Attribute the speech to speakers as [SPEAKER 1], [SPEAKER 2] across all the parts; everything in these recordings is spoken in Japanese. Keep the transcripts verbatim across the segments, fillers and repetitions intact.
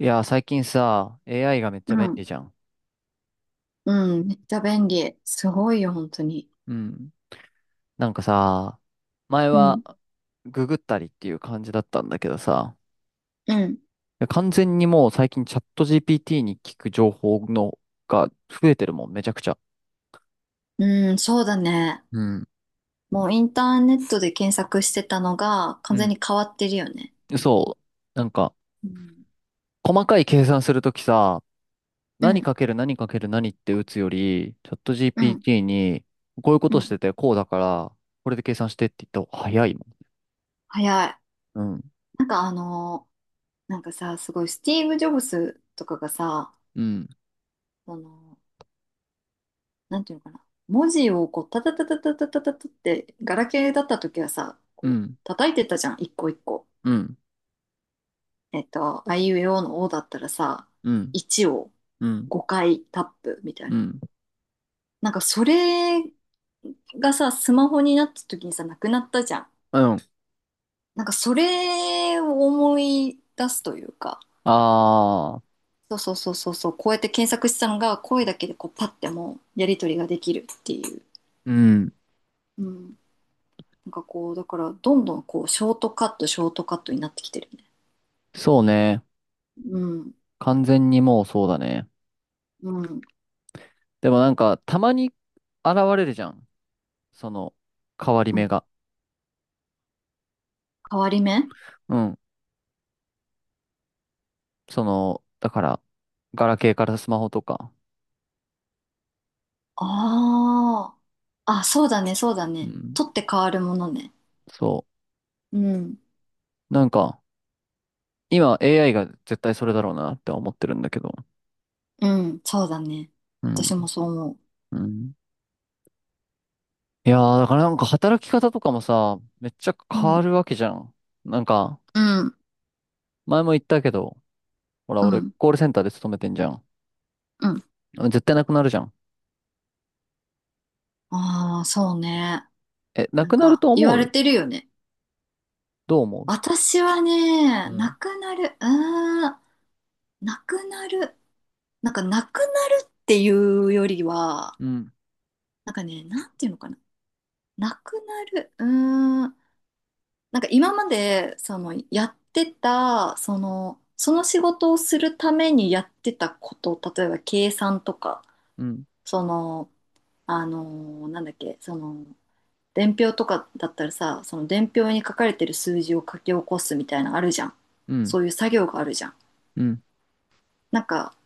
[SPEAKER 1] いや、最近さ、エーアイ がめっちゃ
[SPEAKER 2] う
[SPEAKER 1] 便利
[SPEAKER 2] ん。
[SPEAKER 1] じゃん。
[SPEAKER 2] うん。めっちゃ便利。すごいよ、本当に。
[SPEAKER 1] うん。なんかさ、前
[SPEAKER 2] う
[SPEAKER 1] は
[SPEAKER 2] ん。
[SPEAKER 1] ググったりっていう感じだったんだけどさ、
[SPEAKER 2] うん。
[SPEAKER 1] いや完全にもう最近チャット ジーピーティー に聞く情報のが増えてるもん、めちゃくちゃ。
[SPEAKER 2] うん、そうだね。
[SPEAKER 1] うん。
[SPEAKER 2] もうインターネットで検索してたのが
[SPEAKER 1] う
[SPEAKER 2] 完全
[SPEAKER 1] ん。
[SPEAKER 2] に変わってるよね。
[SPEAKER 1] そう。なんか、
[SPEAKER 2] うん。
[SPEAKER 1] 細かい計算するときさ、
[SPEAKER 2] う
[SPEAKER 1] 何
[SPEAKER 2] ん。
[SPEAKER 1] かける何かける何って打つより、チャット
[SPEAKER 2] うん。
[SPEAKER 1] ジーピーティー に、こういうこ
[SPEAKER 2] う
[SPEAKER 1] とし
[SPEAKER 2] ん。
[SPEAKER 1] てて、こうだから、これで計算してって言った方が早いもん。
[SPEAKER 2] 早い。
[SPEAKER 1] うん。
[SPEAKER 2] なんかあのーなんかさ、すごいスティーブ・ジョブスとかがさ、
[SPEAKER 1] うん。
[SPEAKER 2] その、なんていうのかな。文字をこう、タタタタタタタタタって、ガラケーだった時はさ、
[SPEAKER 1] う
[SPEAKER 2] こう、
[SPEAKER 1] ん。
[SPEAKER 2] 叩いてたじゃん、一個一個。
[SPEAKER 1] うん。
[SPEAKER 2] えっと、あいうえおのおだったらさ、
[SPEAKER 1] うん。
[SPEAKER 2] いちを
[SPEAKER 1] うん。
[SPEAKER 2] ごかいタップみたい
[SPEAKER 1] う
[SPEAKER 2] な。
[SPEAKER 1] ん。
[SPEAKER 2] なんかそれがさ、スマホになった時にさ、なくなったじゃん。
[SPEAKER 1] うん。
[SPEAKER 2] なんかそれを思い出すというか、
[SPEAKER 1] ああ、
[SPEAKER 2] そうそうそうそうそう、こうやって検索したのが声だけでこうパッてもうやり取りができるっていう。
[SPEAKER 1] うん。
[SPEAKER 2] うん。なんかこう、だからどんどんこう、ショートカット、ショートカットになってきてるよね。
[SPEAKER 1] そうね。
[SPEAKER 2] うん。
[SPEAKER 1] 完全にもうそうだね。
[SPEAKER 2] うん。
[SPEAKER 1] でもなんか、たまに現れるじゃん。その、変わり
[SPEAKER 2] う
[SPEAKER 1] 目
[SPEAKER 2] ん。
[SPEAKER 1] が。
[SPEAKER 2] 変わり目。
[SPEAKER 1] うん。その、だから、ガラケーからスマホとか。
[SPEAKER 2] ああ。あ、そうだね、そうだ
[SPEAKER 1] う
[SPEAKER 2] ね。
[SPEAKER 1] ん。
[SPEAKER 2] 取って変わるものね。
[SPEAKER 1] そ
[SPEAKER 2] うん。
[SPEAKER 1] う。なんか、今 エーアイ が絶対それだろうなって思ってるんだけど。
[SPEAKER 2] うん、そうだね。
[SPEAKER 1] うん。
[SPEAKER 2] 私もそう思う。
[SPEAKER 1] うん。いやー、だからなんか働き方とかもさ、めっちゃ
[SPEAKER 2] う
[SPEAKER 1] 変わ
[SPEAKER 2] ん、
[SPEAKER 1] るわけじゃん。なんか、
[SPEAKER 2] うん、
[SPEAKER 1] 前も言ったけど、ほら、
[SPEAKER 2] う
[SPEAKER 1] 俺、
[SPEAKER 2] ん、
[SPEAKER 1] コールセンターで勤めてんじゃん。
[SPEAKER 2] うん。
[SPEAKER 1] 絶対なくなるじゃん。
[SPEAKER 2] ああ、そうね。
[SPEAKER 1] え、な
[SPEAKER 2] なん
[SPEAKER 1] くなる
[SPEAKER 2] か、
[SPEAKER 1] と
[SPEAKER 2] 言
[SPEAKER 1] 思
[SPEAKER 2] われ
[SPEAKER 1] う？
[SPEAKER 2] てるよね。
[SPEAKER 1] どう思
[SPEAKER 2] 私はね、
[SPEAKER 1] う
[SPEAKER 2] な
[SPEAKER 1] ん？
[SPEAKER 2] くなる、あーんなくなる。なんか、なくなるっていうよりは、
[SPEAKER 1] ううん、
[SPEAKER 2] なんかね、なんていうのかな。なくなる、うーん。なんか今まで、その、やってた、その、その仕事をするためにやってたこと、例えば計算とか、
[SPEAKER 1] うん、
[SPEAKER 2] その、あの、なんだっけ、その、伝票とかだったらさ、その伝票に書かれてる数字を書き起こすみたいなのあるじゃん。
[SPEAKER 1] うん、
[SPEAKER 2] そういう作業があるじゃん。
[SPEAKER 1] うん、
[SPEAKER 2] なんか、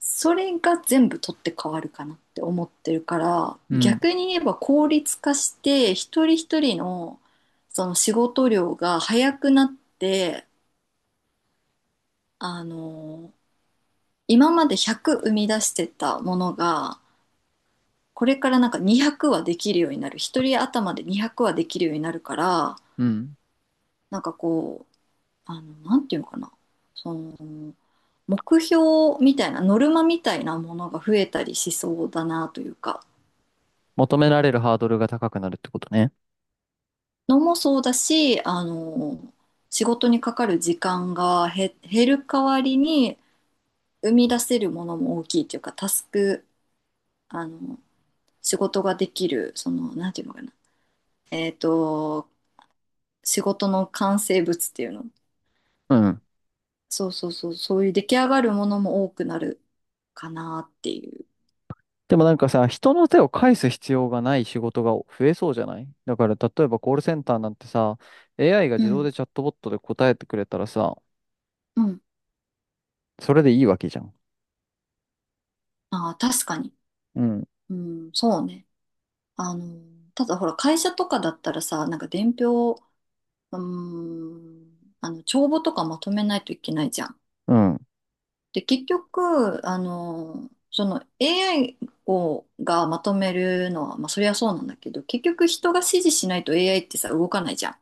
[SPEAKER 2] それが全部取って変わるかなって思ってるから、
[SPEAKER 1] うん、
[SPEAKER 2] 逆に言えば効率化して、一人一人の、その仕事量が早くなって、あの、今までひゃく生み出してたものが、これからなんかにひゃくはできるようになる。一人頭でにひゃくはできるようになるから、
[SPEAKER 1] うん。
[SPEAKER 2] なんかこう、あの、なんていうのかな。その、目標みたいな、ノルマみたいなものが増えたりしそうだなというか、
[SPEAKER 1] 求められるハードルが高くなるってことね。
[SPEAKER 2] のもそうだし、あの、仕事にかかる時間が減減る代わりに、生み出せるものも大きいというか、タスク、あの、仕事ができる、その、なんていうのかな。えっと、仕事の完成物っていうの。
[SPEAKER 1] うん。
[SPEAKER 2] そうそうそう、そういう出来上がるものも多くなるかなっていう。
[SPEAKER 1] でもなんかさ、人の手を介す必要がない仕事が増えそうじゃない。だから例えばコールセンターなんてさ、エーアイ が
[SPEAKER 2] う
[SPEAKER 1] 自動
[SPEAKER 2] ん、
[SPEAKER 1] でチャットボットで答えてくれたらさ、
[SPEAKER 2] うん。
[SPEAKER 1] それでいいわけじゃん。
[SPEAKER 2] ああ、確かに。
[SPEAKER 1] うん。
[SPEAKER 2] うん、そうね。あの、ただほら、会社とかだったらさ、なんか伝票、うーん、あの、帳簿とかまとめないといけないじゃん。
[SPEAKER 1] うん。
[SPEAKER 2] で、結局、あの、その エーアイ をがまとめるのは、まあ、そりゃそうなんだけど、結局人が指示しないと エーアイ ってさ、動かないじゃん。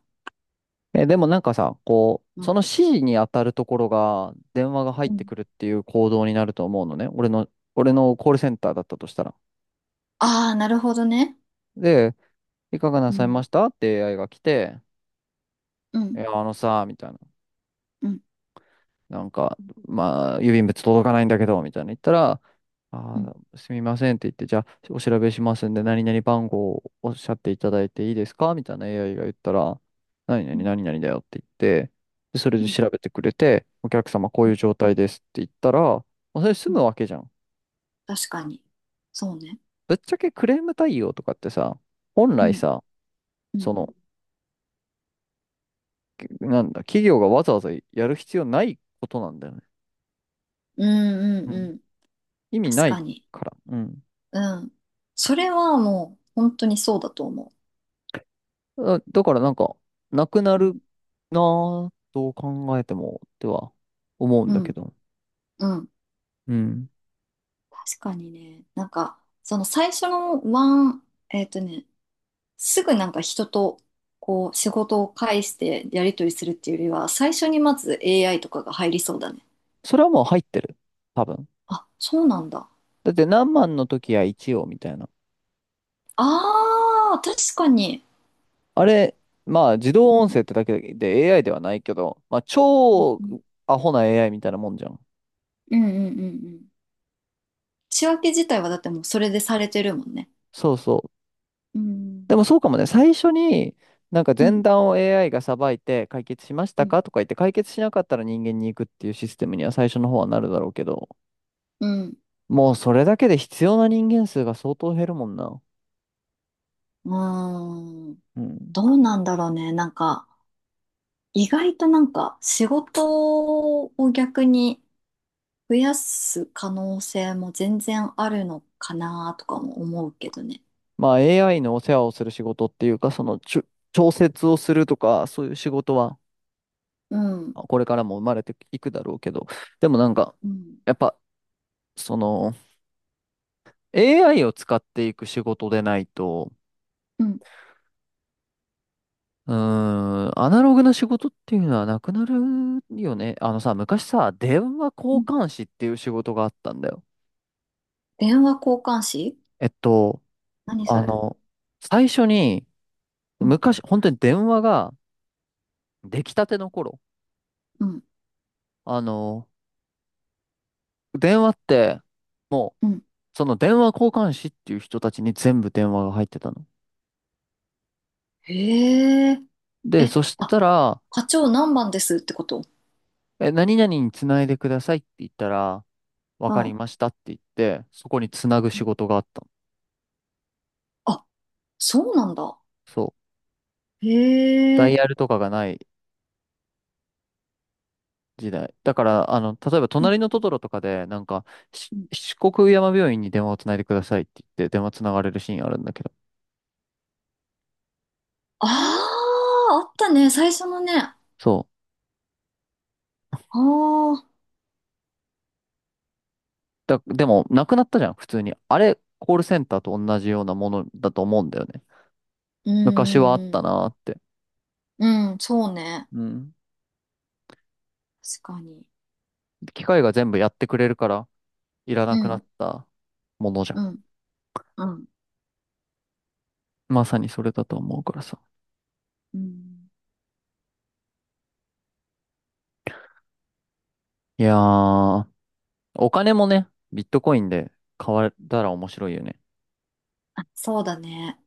[SPEAKER 1] え、でもなんかさ、こう、
[SPEAKER 2] う
[SPEAKER 1] その
[SPEAKER 2] ん。
[SPEAKER 1] 指示に当たるところが電話が入ってくるっていう行動になると思うのね。俺の、俺のコールセンターだったとしたら。
[SPEAKER 2] ああ、なるほどね。
[SPEAKER 1] で、いかがな
[SPEAKER 2] う
[SPEAKER 1] さい
[SPEAKER 2] ん、
[SPEAKER 1] ましたって エーアイ が来て、
[SPEAKER 2] う
[SPEAKER 1] い
[SPEAKER 2] ん、
[SPEAKER 1] や、あのさ、みたいな。
[SPEAKER 2] うん、
[SPEAKER 1] なんか、まあ、郵便物届かないんだけど、みたいな言ったら、
[SPEAKER 2] うん、
[SPEAKER 1] あー、すみませんって言って、じゃあ、お調べしますんで、何々番号をおっしゃっていただいていいですかみたいな エーアイ が言ったら、何
[SPEAKER 2] う
[SPEAKER 1] 々、
[SPEAKER 2] ん、
[SPEAKER 1] 何々だよって言って、で、それ
[SPEAKER 2] う
[SPEAKER 1] で
[SPEAKER 2] ん、う
[SPEAKER 1] 調べてくれて、お客様、こういう状
[SPEAKER 2] ん、
[SPEAKER 1] 態ですって言ったら、もうそれ済
[SPEAKER 2] う
[SPEAKER 1] む
[SPEAKER 2] ん。
[SPEAKER 1] わけじゃん。
[SPEAKER 2] 確かに。そうね。
[SPEAKER 1] ぶっちゃけクレーム対応とかってさ、本
[SPEAKER 2] う
[SPEAKER 1] 来
[SPEAKER 2] ん、
[SPEAKER 1] さ、
[SPEAKER 2] う
[SPEAKER 1] そ
[SPEAKER 2] ん、
[SPEAKER 1] の、なんだ、企業がわざわざやる必要ないことなんだよね。
[SPEAKER 2] うん、う
[SPEAKER 1] う
[SPEAKER 2] ん、
[SPEAKER 1] ん、
[SPEAKER 2] うん。
[SPEAKER 1] 意味
[SPEAKER 2] 確
[SPEAKER 1] ない
[SPEAKER 2] かに。
[SPEAKER 1] から。うん。
[SPEAKER 2] うん。それはもう、本当にそうだと思
[SPEAKER 1] だだからなんか、なくな
[SPEAKER 2] う。う
[SPEAKER 1] る
[SPEAKER 2] ん、
[SPEAKER 1] なぁと考えても、っては思うん
[SPEAKER 2] う
[SPEAKER 1] だけ
[SPEAKER 2] ん、
[SPEAKER 1] ど。
[SPEAKER 2] うん。
[SPEAKER 1] うん。
[SPEAKER 2] 確かにね。なんか、その最初のワン、えっとね、すぐなんか人と、こう、仕事を介してやり取りするっていうよりは、最初にまず エーアイ とかが入りそうだね。
[SPEAKER 1] それはもう入ってる。多分。
[SPEAKER 2] あ、そうなんだ。
[SPEAKER 1] だって何万の時は一応みたいな。
[SPEAKER 2] ああ、確かに。
[SPEAKER 1] あれ、まあ自動
[SPEAKER 2] う
[SPEAKER 1] 音
[SPEAKER 2] ん。
[SPEAKER 1] 声ってだけで エーアイ ではないけど、まあ
[SPEAKER 2] うん
[SPEAKER 1] 超
[SPEAKER 2] うん。
[SPEAKER 1] アホな エーアイ みたいなもんじゃん。
[SPEAKER 2] うんうんうんうん。仕分け自体はだってもうそれでされてるもんね。
[SPEAKER 1] そうそう。
[SPEAKER 2] うん。
[SPEAKER 1] でもそうかもね。最初に、なんか
[SPEAKER 2] う
[SPEAKER 1] 前
[SPEAKER 2] ん。
[SPEAKER 1] 段を エーアイ がさばいて解決しまし
[SPEAKER 2] う
[SPEAKER 1] た
[SPEAKER 2] ん。
[SPEAKER 1] かとか言って解決しなかったら人間に行くっていうシステムには最初の方はなるだろうけど、
[SPEAKER 2] うん。
[SPEAKER 1] もうそれだけで必要な人間数が相当減るもんな。
[SPEAKER 2] うーん。
[SPEAKER 1] うん。
[SPEAKER 2] どうなんだろうね。なんか、意外となんか仕事を逆に増やす可能性も全然あるのかなとかも思うけどね。
[SPEAKER 1] まあ エーアイ のお世話をする仕事っていうか、そのちょ、調節をするとか、そういう仕事は
[SPEAKER 2] うん。
[SPEAKER 1] これからも生まれていくだろうけど、でもなんか、
[SPEAKER 2] うん。
[SPEAKER 1] やっぱ、その エーアイ を使っていく仕事でないと、
[SPEAKER 2] うん。
[SPEAKER 1] うーん、アナログな仕事っていうのはなくなるよね。あのさ、昔さ、電話交
[SPEAKER 2] うん。
[SPEAKER 1] 換士っていう仕事があったんだよ。
[SPEAKER 2] 電話交換士。
[SPEAKER 1] えっと、
[SPEAKER 2] 何そ
[SPEAKER 1] あ
[SPEAKER 2] れ？
[SPEAKER 1] の、最初に、
[SPEAKER 2] うん。
[SPEAKER 1] 昔、本当に電話が、出来たての頃、
[SPEAKER 2] うん。
[SPEAKER 1] あの、電話って、もう、
[SPEAKER 2] うん。
[SPEAKER 1] その電話交換士っていう人たちに全部電話が入ってたの。
[SPEAKER 2] へえ。
[SPEAKER 1] で、
[SPEAKER 2] え、
[SPEAKER 1] そし
[SPEAKER 2] あ、
[SPEAKER 1] たら、
[SPEAKER 2] 課長何番ですってこと。
[SPEAKER 1] え、何々につないでくださいって言ったら、わ
[SPEAKER 2] う
[SPEAKER 1] かり
[SPEAKER 2] ん。
[SPEAKER 1] ましたって言って、そこにつなぐ仕事があったの。
[SPEAKER 2] あ、そうなんだ。
[SPEAKER 1] そう。
[SPEAKER 2] へ
[SPEAKER 1] ダイ
[SPEAKER 2] え。
[SPEAKER 1] ヤルとかがない時代。だから、あの、例えば、
[SPEAKER 2] う
[SPEAKER 1] 隣
[SPEAKER 2] ん
[SPEAKER 1] のトトロとかで、なんか、し
[SPEAKER 2] うん。
[SPEAKER 1] 四国山病院に電話をつないでくださいって言って、電話つながれるシーンあるんだけど。
[SPEAKER 2] ああ、あったね。最初のね。あ
[SPEAKER 1] そう。
[SPEAKER 2] あ、う
[SPEAKER 1] だ、でも、なくなったじゃん、普通に。あれ、コールセンターと同じようなものだと思うんだよね。昔はあった
[SPEAKER 2] ん。
[SPEAKER 1] なーって。
[SPEAKER 2] うん、そうね。
[SPEAKER 1] うん。
[SPEAKER 2] 確かに。
[SPEAKER 1] 機械が全部やってくれるから、いらな
[SPEAKER 2] う
[SPEAKER 1] くな
[SPEAKER 2] ん、
[SPEAKER 1] ったものじゃ
[SPEAKER 2] う
[SPEAKER 1] ん。
[SPEAKER 2] ん、うん、
[SPEAKER 1] まさにそれだと思うからさ。
[SPEAKER 2] うん。
[SPEAKER 1] いやー、お金もね、ビットコインで買われたら面白いよね。
[SPEAKER 2] あ、そうだね。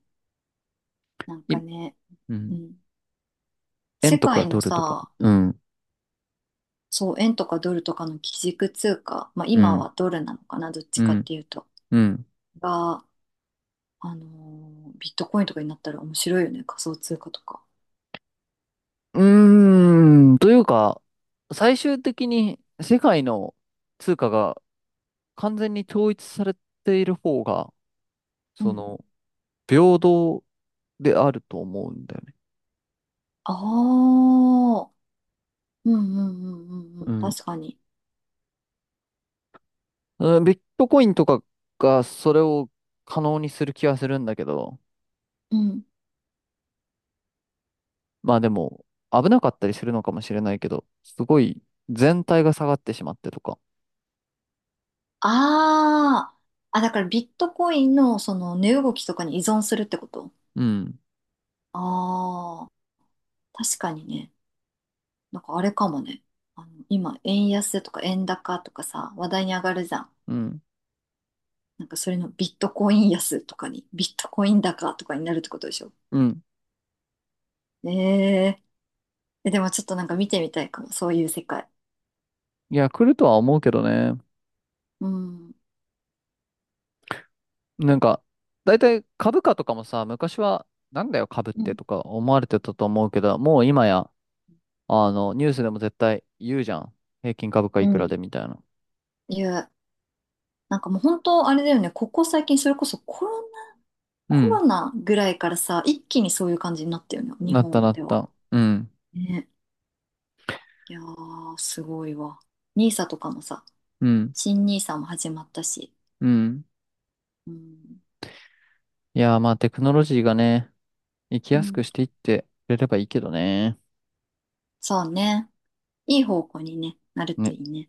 [SPEAKER 2] なん
[SPEAKER 1] い、
[SPEAKER 2] かね、
[SPEAKER 1] う
[SPEAKER 2] う
[SPEAKER 1] ん。
[SPEAKER 2] ん。世
[SPEAKER 1] 円とか
[SPEAKER 2] 界の
[SPEAKER 1] ドルとか。
[SPEAKER 2] さ、
[SPEAKER 1] うん、
[SPEAKER 2] そう、円とかドルとかの基軸通貨、まあ
[SPEAKER 1] う
[SPEAKER 2] 今
[SPEAKER 1] ん、
[SPEAKER 2] はドルなのかな、どっち
[SPEAKER 1] う
[SPEAKER 2] かっ
[SPEAKER 1] ん、
[SPEAKER 2] ていうと。
[SPEAKER 1] うん。
[SPEAKER 2] が、あのービットコインとかになったら面白いよね。仮想通貨とか。
[SPEAKER 1] うーん、というか、最終的に世界の通貨が完全に統一されている方が、その、平等であると思うんだよね。
[SPEAKER 2] ああ、うんうんうんうんう
[SPEAKER 1] う
[SPEAKER 2] ん。
[SPEAKER 1] ん
[SPEAKER 2] 確かに。
[SPEAKER 1] うん。ビットコインとかがそれを可能にする気はするんだけど、
[SPEAKER 2] うん。
[SPEAKER 1] まあでも、危なかったりするのかもしれないけど、すごい全体が下がってしまってとか。
[SPEAKER 2] ああ、あ、だからビットコインのその値動きとかに依存するってこと。
[SPEAKER 1] うん。
[SPEAKER 2] ああー、確かにね。なんかあれかもね。あの、今、円安とか円高とかさ、話題に上がるじゃん。
[SPEAKER 1] うん。
[SPEAKER 2] なんかそれのビットコイン安とかに、ビットコイン高とかになるってことでしょ？
[SPEAKER 1] うん。
[SPEAKER 2] えええ、でもちょっとなんか見てみたいかも、そういう世界。
[SPEAKER 1] いや、来るとは思うけどね。
[SPEAKER 2] うん。
[SPEAKER 1] なんか、大体株価とかもさ、昔は、なんだよ株っ
[SPEAKER 2] う
[SPEAKER 1] て
[SPEAKER 2] ん。
[SPEAKER 1] とか思われてたと思うけど、もう今や、あの、ニュースでも絶対言うじゃん。平均株価
[SPEAKER 2] う
[SPEAKER 1] いくら
[SPEAKER 2] ん。
[SPEAKER 1] でみたいな。
[SPEAKER 2] いう。なんかもう本当あれだよね、ここ最近それこそコロナ、
[SPEAKER 1] う
[SPEAKER 2] コ
[SPEAKER 1] ん。
[SPEAKER 2] ロナぐらいからさ、一気にそういう感じになったよね、日
[SPEAKER 1] なった
[SPEAKER 2] 本
[SPEAKER 1] なっ
[SPEAKER 2] では。
[SPEAKER 1] た。うん。
[SPEAKER 2] ね。いやー、すごいわ。ニーサとかもさ、
[SPEAKER 1] うん。
[SPEAKER 2] 新ニーサも始まったし。
[SPEAKER 1] うん。
[SPEAKER 2] うん。
[SPEAKER 1] いやー、まあテクノロジーがね、生き
[SPEAKER 2] う
[SPEAKER 1] やす
[SPEAKER 2] ん、
[SPEAKER 1] くしていってくれればいいけどね。
[SPEAKER 2] そうね。いい方向にね、なると
[SPEAKER 1] ね
[SPEAKER 2] いいね。